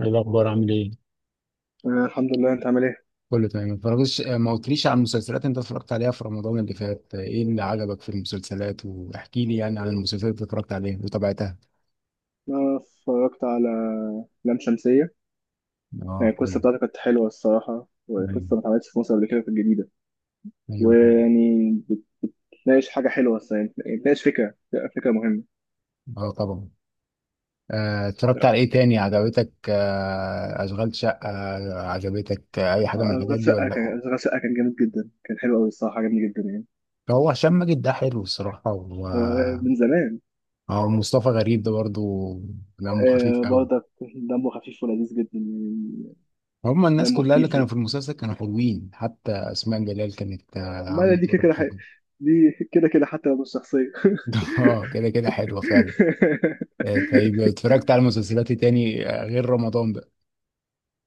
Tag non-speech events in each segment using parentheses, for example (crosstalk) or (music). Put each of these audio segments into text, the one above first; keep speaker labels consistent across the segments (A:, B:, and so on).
A: ايه الاخبار؟ عامل ايه؟
B: آه، الحمد لله، انت عامل ايه؟
A: كله تمام. ما اتفرجتش، ما قلتليش عن المسلسلات انت اتفرجت عليها في رمضان اللي فات. ايه اللي عجبك في المسلسلات؟ واحكي لي يعني عن المسلسلات اللي اتفرجت عليها وتابعتها.
B: انا اتفرجت على لام شمسية.
A: اه،
B: يعني
A: حلو.
B: القصة بتاعته كانت حلوة الصراحة، وقصة
A: ايوه.
B: ما اتعملتش في مصر قبل كده، في الجديدة.
A: ايوه، حلو.
B: ويعني بتناقش حاجة حلوة الصراحة، يعني بتناقش فكرة فكرة مهمة.
A: اه طبعا. اتفرجت
B: آه،
A: على ايه تاني عجبتك؟ اشغال شقة؟ عجبتك؟ اي حاجة من
B: أشغال
A: الحاجات دي ولا
B: شقة كان،
A: لا؟
B: جامد جدا، كان حلو أوي الصراحة، عجبني جدا يعني.
A: هو هشام ماجد ده حلو الصراحة. و
B: هو من زمان.
A: اه، مصطفى غريب ده برضو دمه خفيف
B: آه،
A: قوي.
B: برضك دمه خفيف ولذيذ جدا يعني.
A: هم الناس
B: دمه
A: كلها اللي
B: خفيف.
A: كانوا في المسلسل كانوا حلوين، حتى أسماء جلال كانت
B: ما
A: عاملة
B: دي كده
A: دور
B: كده
A: الخدمة.
B: دي كده كده حتى لو مش شخصية.
A: (laughs) اه، كده كده حلوة فعلا. طيب
B: (laughs)
A: اتفرجت على مسلسلات إيه تاني غير رمضان بقى؟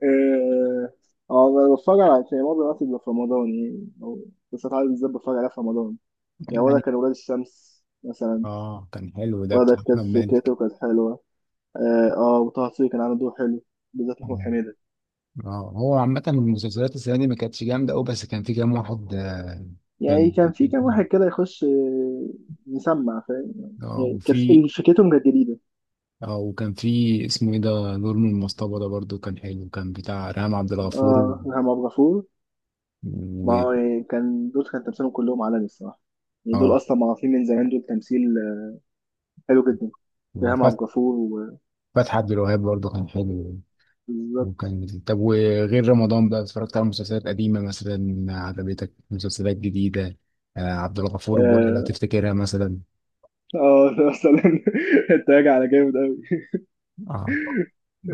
B: اه. آه، بتفرج على، يعني معظم الوقت بيبقى في رمضان يعني، او مسلسلات عربي بالذات بتفرج عليها في رمضان. يعني ولا
A: يعني
B: كان ولاد الشمس مثلا،
A: اه، كان حلو ده،
B: ولا
A: بتاع
B: كانت
A: أحمد مالك.
B: فكرته كانت حلوه. اه، آه، وطه دسوقي كان عامل دور حلو، بالذات محمود
A: مم.
B: حميده.
A: اه، هو عامة المسلسلات السنة دي ما كانتش جامدة أوي، بس كان في كام واحد
B: يعني
A: كان
B: كان في كام واحد كده يخش، آه، يسمع فاهم
A: اه،
B: يعني، كانت
A: وفي
B: فكرتهم كانت جديده.
A: اه، وكان في، اسمه ايه ده؟ نور من المصطبة ده برضو كان حلو، كان بتاع ريهام عبد الغفور و...
B: اه إلهام عبد الغفور.
A: و...
B: ما هو يعني كان دول، كان تمثيلهم كلهم عالمي الصراحه، يعني دول
A: اه،
B: اصلا معروفين من زمان، دول تمثيل آه، حلو جدا. إلهام عبد الغفور و-
A: فتحي عبد الوهاب برضه كان حلو.
B: بالظبط.
A: وكان، طب وغير رمضان بقى اتفرجت على مسلسلات قديمة مثلا عجبتك؟ مسلسلات جديدة؟ آه، عبد الغفور البرعي لو
B: آه،
A: تفتكرها مثلا.
B: اه ده مثلا. (laughs) انت راجع على جامد قوي.
A: اه.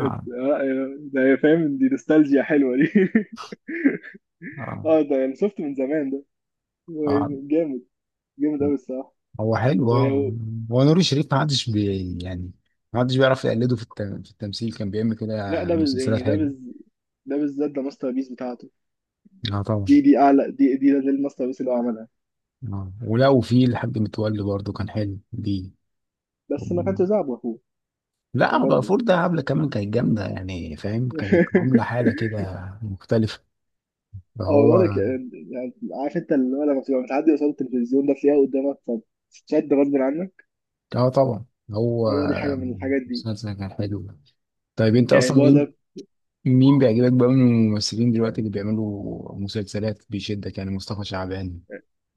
A: اه.
B: ده هي فاهم، دي نوستالجيا حلوه دي. (laughs)
A: اه.
B: اه ده يعني شفت من زمان ده، هو
A: آه.
B: يعني جامد، جامد قوي الصراحه.
A: هو حلو اه.
B: ولو
A: هو نور الشريف ما حدش بي، يعني ما حدش بيعرف يقلده في التمثيل. كان بيعمل
B: لا
A: كده
B: ده بز...
A: مسلسلات
B: يعني ده
A: حلوة.
B: بز... ده بالذات، ده ماستر بيس بتاعته.
A: اه طبعا.
B: دي اعلى دي دي ده الماستر بيس اللي هو عملها.
A: اه، ولا وفي الحاج متولي برضه كان حلو.
B: بس ما
A: دي
B: كانش زعب اخوه يعني
A: لا، بقى
B: برضه.
A: فورد ده عامله كمان كانت جامده، يعني فاهم، كانت عامله
B: (laughs)
A: حاله كده مختلفه.
B: اه والله
A: فهو
B: يعني عارف انت، اللي هو لما بتبقى متعدي قصاد التلفزيون ده، تلاقيها قدامك فبتتشد غصب عنك.
A: اه طبعا. هو
B: هو دي حاجه من الحاجات دي.
A: مسلسل كان حلو. طيب انت
B: يعني
A: اصلا مين،
B: برضه.
A: مين بيعجبك بقى من الممثلين دلوقتي اللي بيعملوا مسلسلات بيشدك؟ يعني مصطفى شعبان،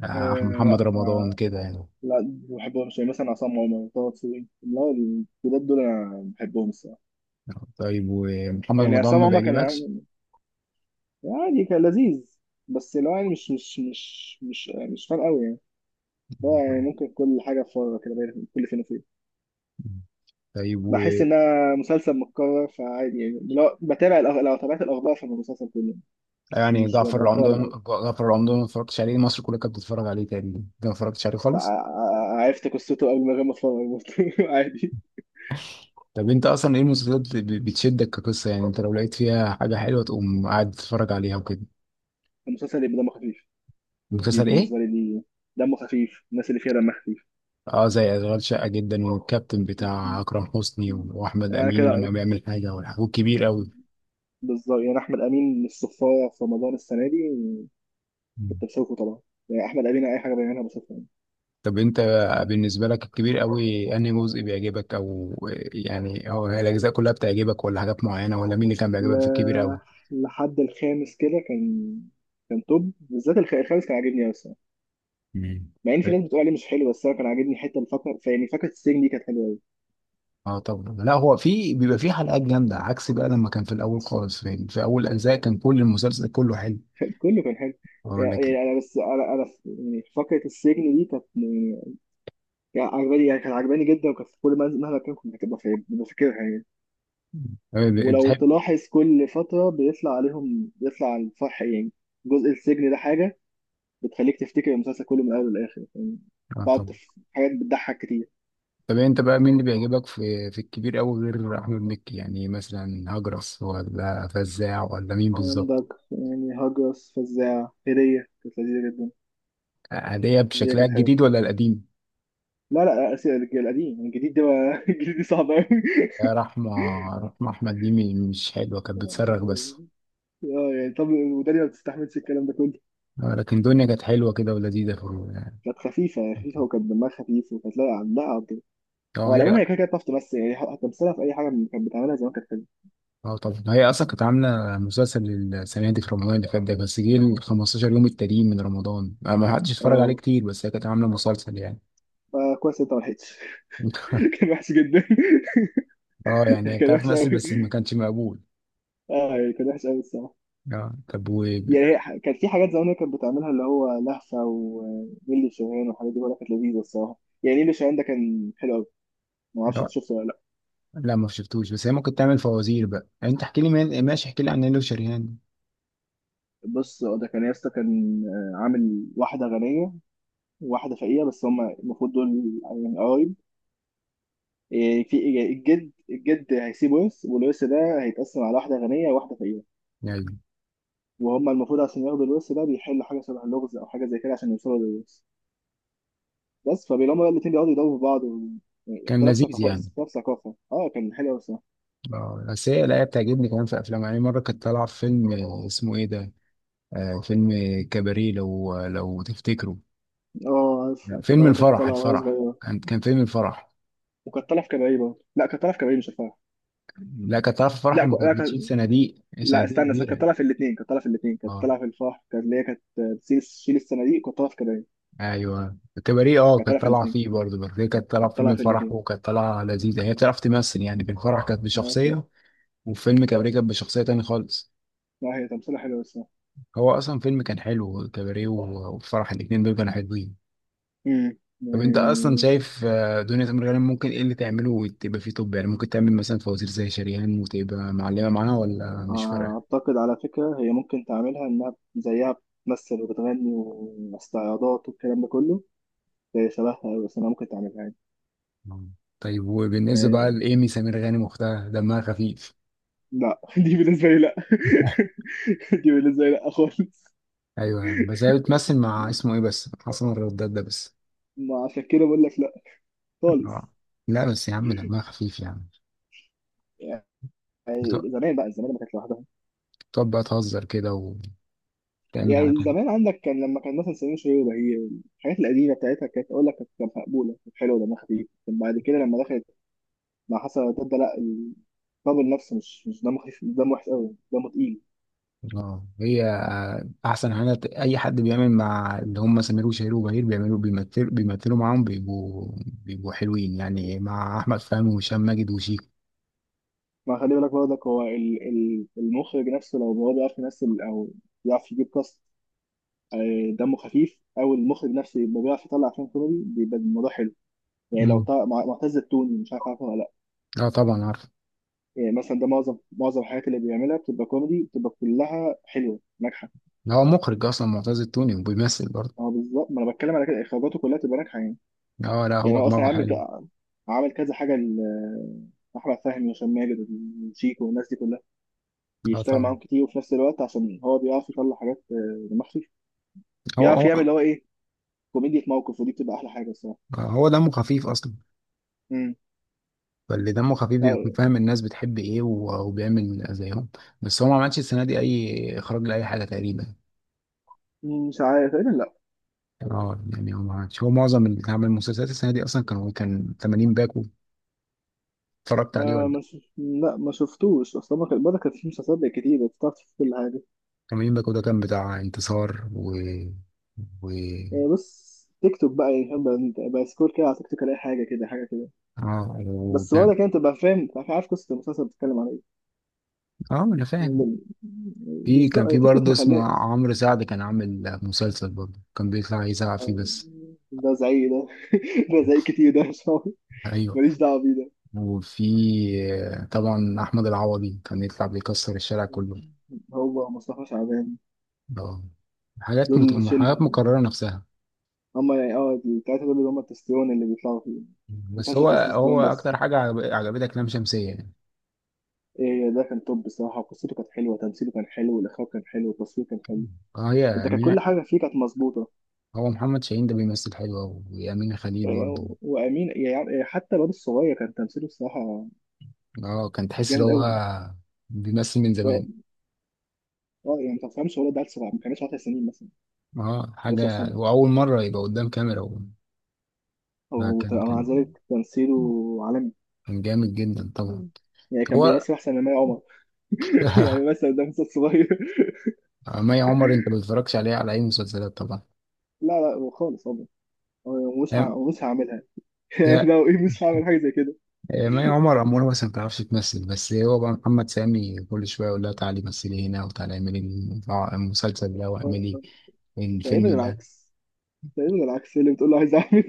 A: أحمد، محمد رمضان، كده يعني.
B: لا ما بحبهمش، يعني مثلا عصام عمر، طه دسوقي، لا الجداد دول انا بحبهم الصراحه.
A: طيب، ومحمد
B: يعني
A: رمضان
B: عصام
A: ما
B: عمر كان
A: بيعجبكش؟
B: عادي، كان لذيذ، بس اللي هو يعني مش فارق قوي يعني. ده يعني ممكن كل حاجه في فتره كده كل فين وفين
A: طيب و،
B: بحس انها مسلسل متكرر، فعادي يعني. لو لو تابعت الاخبار فاهم المسلسل كله، مش
A: يعني
B: مش
A: جعفر
B: بتابع من
A: العمدة،
B: الاول.
A: جعفر العمدة ما اتفرجتش عليه؟ مصر كلها كانت بتتفرج عليه تقريبا، انت ما اتفرجتش عليه خالص؟
B: عرفت قصته قبل ما، غير ما اتفرج برضه. (laughs) عادي.
A: طب انت اصلا ايه المسلسلات اللي بتشدك كقصه؟ يعني انت لو لقيت فيها حاجه حلوه تقوم قاعد تتفرج عليها وكده.
B: المسلسل يبقى دمه خفيف، دي
A: مسلسل ايه؟
B: بالنسبه لي دي. دمه خفيف، الناس اللي فيها دمها
A: اه، زي اشغال شقه جدا، والكابتن بتاع
B: خفيف
A: اكرم حسني، واحمد
B: يعني
A: امين لما
B: كده.
A: بيعمل حاجه، والحاجات كبير قوي.
B: بالظبط، يعني احمد امين الصفاره في رمضان السنه دي
A: مم.
B: كنت بشوفه طبعا. يعني احمد امين اي حاجه بيعملها بشوفها يعني.
A: طب انت بالنسبه لك الكبير قوي انهي جزء بيعجبك، او يعني هو هي الاجزاء كلها بتعجبك ولا حاجات معينه، ولا مين اللي كان
B: ل...
A: بيعجبك في الكبير قوي؟
B: لحد الخامس كده كان، كان توب، بالذات الخامس كان عاجبني قوي الصراحه.
A: مم.
B: مع ان في
A: طيب.
B: ناس بتقول عليه مش حلو، بس انا كان عاجبني حته الفقره، يعني فقره السجن دي كانت حلوه قوي.
A: اه طبعا، لا هو في بيبقى في حلقات جامده، عكس بقى لما كان في الاول خالص في اول اجزاء كان كل المسلسل كله حلو.
B: (laughs) كله كان حلو.
A: اقول لك إيه.
B: يعني انا بس يعني فقره السجن دي كانت يعني، يعني عجباني يعني، كانت عجباني جدا، وكانت في كل منزل مهما كان كنت ببقى فاكرها يعني.
A: طب
B: ولو
A: بتحب
B: تلاحظ كل فترة بيطلع عليهم، بيطلع على الفح يعني جزء السجن ده، حاجة بتخليك تفتكر المسلسل كله من الأول للآخر يعني.
A: اه، طب
B: بتقعد في حاجات بتضحك كتير.
A: طب انت بقى مين اللي بيعجبك في في الكبير قوي غير احمد مكي؟ يعني مثلا هجرس ولا فزاع ولا مين بالظبط؟
B: عندك يعني هجرس، فزاع، هدية كانت لذيذة جدا.
A: هدية
B: هدية
A: بشكلها
B: كانت حلوة.
A: الجديد ولا القديم؟
B: لا لا لا، أسف، القديم يعني، الجديد ده بقى- (laughs) الجديد ده صعب أوي
A: يا رحمة، رحمة احمد دي مش حلوة، كانت بتصرخ بس.
B: يعني. اه يعني، طب ودانيا ما بتستحملش الكلام ده كله.
A: لكن دنيا كانت حلوة كده ولذيذة في ال-.
B: كانت خفيفة خفيفة، وكانت دمها خفيف، وكانت لاقعة، لا عندها عبد. هو
A: اه
B: على العموم
A: هي.
B: هي كده كده بتعرف تمثل يعني، هتمثلها في أي حاجة كانت بتعملها زمان كانت حلوة.
A: اه، طب هي اصلا كانت عامله مسلسل السنه دي في رمضان اللي فات ده، بس جه ال 15 يوم التانيين من رمضان ما ما حدش اتفرج عليه
B: اه
A: كتير، بس هي كانت عامله مسلسل يعني.
B: فكويس انت ما لحقتش. (laughs)
A: (laughs)
B: كان وحش جدا. (laughs)
A: اه، يعني
B: كان
A: بتعرف
B: وحش قوي.
A: تمثل بس ما كانش مقبول.
B: اه يعني كان وحش قوي الصراحه.
A: اه طب و،
B: يعني هي كان في حاجات زمان هي كانت بتعملها، اللي هو لهفه ونيلي شاهين والحاجات دي، بقولها كانت لذيذه الصراحه. يعني نيلي شاهين ده كان حلو قوي، ما اعرفش انت
A: لا
B: شفته ولا لا.
A: لا، ما شفتوش، بس هي ممكن تعمل فوازير بقى يعني. انت احكي لي من... ماشي، احكي لي عن نيلو شريهان.
B: بص هو ده كان ياسطا، كان آه، عامل واحده غنيه وواحده فقيره، بس هما المفروض دول يعني قرايب. إيه، في إيه، الجد، الجد هيسيب ورث، والورث ده هيتقسم على واحده غنيه وواحده فقيره،
A: يعني
B: وهم المفروض عشان ياخدوا الورث ده بيحلوا حاجه شبه اللغز، او حاجه زي كده عشان يوصلوا للورث. بس فبيلاقوا بقى الاتنين بيقعدوا يداووا في بعض و... يعني
A: كان لذيذ يعني.
B: اختلاف ثقافة. اه كان حلو أوي الصراحة.
A: اه، بس هي لا، هي بتعجبني كمان في افلام، يعني مره كانت طالعه في فيلم، اسمه ايه ده؟ آه، فيلم كباريه لو لو تفتكروا.
B: اه عارفه،
A: لا، فيلم
B: اه كانت
A: الفرح.
B: طالعة وهي
A: الفرح
B: صغيرة،
A: كان، كان فيلم الفرح.
B: وكانت طالعة في كباريه برضه. لا، كانت طالعة في كباريه مش الفرح.
A: لا، كانت طالعه في الفرح
B: لا ك...
A: لما كانت
B: لا, كانت-
A: بتشيل صناديق،
B: لا
A: صناديق
B: استنى استنى، كانت
A: كبيره.
B: طالعة في الاتنين، كانت
A: اه،
B: طالعة في الفرح، كانت اللي هي كانت بتشيل، تشيل الصناديق، كانت طالعة في كباريه.
A: ايوه الكباريه اه،
B: كانت
A: كانت
B: طالعة في
A: طالعه
B: الاتنين،
A: فيه برضه، بس هي كانت طالعه في
B: كانت
A: فيلم
B: طالعة في
A: الفرح
B: الاتنين
A: وكانت طالعه لذيذه، هي بتعرف تمثل يعني. في الفرح كانت
B: آه،
A: بشخصيه، وفي فيلم كباريه كانت بشخصيه تاني خالص.
B: لا هي تمثيلها حلو أوي الصراحة.
A: هو اصلا فيلم كان حلو كباريه، و- والفرح، الاتنين دول كانوا حلوين. طب انت اصلا
B: يعني،
A: شايف دنيا سمير غانم ممكن ايه اللي تعمله وتبقى فيه؟ طب يعني ممكن تعمل مثلا فوازير زي شريهان وتبقى معلمه معاها، ولا مش فارقه؟
B: أعتقد على فكرة هي ممكن تعملها إنها زيها، بتمثل وبتغني واستعراضات والكلام ده كله. هي شبهها أوي، بس أنا ممكن تعملها يعني.
A: مم. طيب وبالنسبه بقى
B: يعني
A: لايمي سمير غانم واختها، دمها خفيف؟
B: لا، (laughs) دي بالنسبة لي لا.
A: (laughs)
B: (laughs) دي بالنسبة لي لا خالص.
A: ايوه، بس هي بتمثل مع اسمه ايه، بس حسن الرداد ده بس.
B: ما عشان كده بقول لك لا خالص.
A: آه. لا بس يا عم دمها خفيف يعني. بتق-
B: يعني زمان بقى، زمان ما كانت لوحدها.
A: بتقعد بقى تهزر كده وتعمل حاجات
B: يعني
A: حلوة.
B: زمان عندك كان لما كان مثلا سمير وشهير وبهير، الحاجات القديمة بتاعتها، كانت أقول لك كانت مقبولة، كانت حلوة دمها خفيف. لكن بعد كده لما دخلت مع حسن وتبدأ، لا، الطابل نفسه مش دمه خفيف، دمه وحش قوي، دمه تقيل.
A: اه، هي احسن حاجه اي حد بيعمل مع اللي هم سمير وشهير وبهير بيعملوا، بيمثلوا، بيمثلوا معاهم بيبقوا، بيبقوا حلوين، يعني مع احمد فهمي وهشام ماجد وشيكو.
B: ما خلي بالك برضك هو المخرج نفسه لو هو بيعرف يمثل أو بيعرف يجيب كاست آه، دمه خفيف، او المخرج نفسه يبقى بيعرف يطلع افلام كوميدي، بيبقى الموضوع حلو. يعني لو
A: مم.
B: طلع معتز التوني، مش عارف عارفه ولا لا.
A: اه طبعا عارف.
B: يعني مثلا ده معظم الحاجات اللي بيعملها بتبقى كوميدي، بتبقى كلها حلوه ناجحه.
A: ده هو مخرج اصلا معتز التوني وبيمثل برضه.
B: اه بالظبط، ما انا بتكلم على كده، اخراجاته كلها بتبقى ناجحه يعني.
A: اه لا،
B: يعني
A: هو
B: هو اصلا
A: دماغه حلو.
B: عامل كذا حاجه احمد فهمي وهشام ماجد وشيكو والناس دي كلها،
A: اه
B: بيشتغل
A: طبعا.
B: معاهم كتير، وفي نفس الوقت عشان هو بيعرف يطلع حاجات آه، دماغ خفيف،
A: هو
B: بيعرف يعمل
A: هو
B: اللي هو ايه، كوميديا موقف، ودي بتبقى احلى حاجه الصراحه.
A: آه، هو دمه خفيف اصلا.
B: امم.
A: فاللي دمه خفيف بيكون
B: آه،
A: فاهم الناس بتحب ايه، وبيعمل زيهم. بس هو ما عملش السنه دي اي اخراج لاي حاجه تقريبا.
B: مش عارف تقريبا، لا.
A: اه، يعني هو ما عملش، هو معظم اللي عمل مسلسلات السنه دي اصلا كان، كان 80 باكو، اتفرجت عليه
B: آه
A: ولا؟
B: ما شف... لا ما شفتوش، اصل ما كانت في مسلسلات بقت كتير، بتعرف تشوف كل حاجه.
A: 80 باكو ده كان بتاع انتصار و، و
B: آه بس تيك توك بقى يعني فاهم، بقى سكور كده على تيك توك، الاقي حاجه كده، حاجه كده،
A: اه، و...
B: بس برضه كده تبقى فاهم، تبقى عارف قصه المسلسل بتتكلم على ايه.
A: اه، انا فاهم.
B: م-
A: في
B: بالظبط،
A: كان في
B: تيك توك
A: برضه
B: ما
A: اسمه
B: خلاش.
A: عمرو سعد، كان عامل مسلسل برضه كان بيطلع يزعق فيه
B: آه،
A: بس.
B: ده زعيق ده. (laughs) ده زعيق كتير ده مش عارف.
A: ايوه،
B: ماليش دعوه بيه ده.
A: وفي طبعا احمد العوضي كان يطلع بيكسر الشارع كله.
B: هو مصطفى شعبان،
A: اه،
B: دول شل،
A: حاجات مكررة نفسها.
B: هم يعني، اه التلاته دول اللي هم التستيرون اللي بيطلعوا فيه،
A: بس
B: مسلسل
A: هو هو
B: تستوستيرون بس.
A: عجبتك لام شمسية يعني.
B: إيه، ده كان توب بصراحة، وقصته كانت حلوة، تمثيله كان حلو، الإخراج كان حلو، التصوير كان حلو،
A: اه، هي
B: أنت كان
A: يعني
B: كل حاجة فيه كانت مظبوطة.
A: هو محمد شاهين ده بيمثل حلو أوي، وأمينة خليل برضه.
B: إيه، وأمين يعني، إيه، حتى الواد الصغير كان تمثيله بصراحة
A: اه، كان تحس إن
B: جامد
A: هو
B: أوي.
A: بيمثل من زمان.
B: اه آه، يعني ما تفهمش هو ده عيل صغير، ما كانش 10 سنين مثلا،
A: اه،
B: 11
A: حاجة
B: سنة،
A: وأول مرة يبقى قدام كاميرا و...
B: أو
A: كان
B: مع
A: كان
B: ذلك تمثيله عالمي.
A: كان جامد جدا طبعا.
B: يعني كان
A: هو
B: بيمثل أحسن من مي عمر. (laughs) يعني
A: (laughs)
B: مثلا ده مثل صغير. (laughs)
A: مي عمر أنت ما بتتفرجش عليها على أي مسلسلات طبعا،
B: لا لا، هو خالص والله، هو
A: فاهم؟
B: مش هعملها. (laughs) يعني
A: لا
B: لو إيه، مش هعمل حاجة زي كده.
A: ما هي عمر أمور بس ما بتعرفش تمثل، بس هو بقى محمد سامي كل شوية يقول لها تعالي مثلي هنا، وتعالي اعملي المسلسل ده، واعملي
B: آه، تقريبا
A: الفيلم ده.
B: العكس، اللي بتقول له عايز اعمل.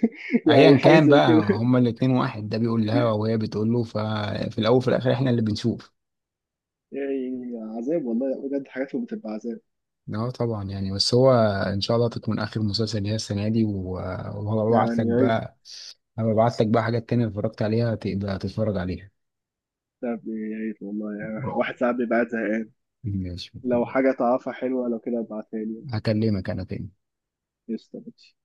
B: (laughs) يعني
A: أيا
B: حاجه
A: كان
B: زي
A: بقى،
B: كده.
A: هما الاتنين واحد ده بيقول لها وهي بتقول له، ففي الأول وفي الآخر احنا اللي بنشوف.
B: يعني عذاب والله بجد، حاجاتهم بتبقى عذاب.
A: اه طبعا، يعني بس هو إن شاء الله تكون آخر مسلسل ليها السنة دي وهبعت لك
B: يعني يا ريت.
A: بقى، هبعت لك بقى حاجات تانية اتفرجت عليها تبقى تتفرج عليها.
B: طب يا ريت والله، يعني واحد ساعات بيبقى قاعد زهقان،
A: ماشي،
B: لو
A: أوكي.
B: حاجه تعرفها حلوه لو كده ابعتها لي.
A: هكلمك أنا تاني.
B: قشطه.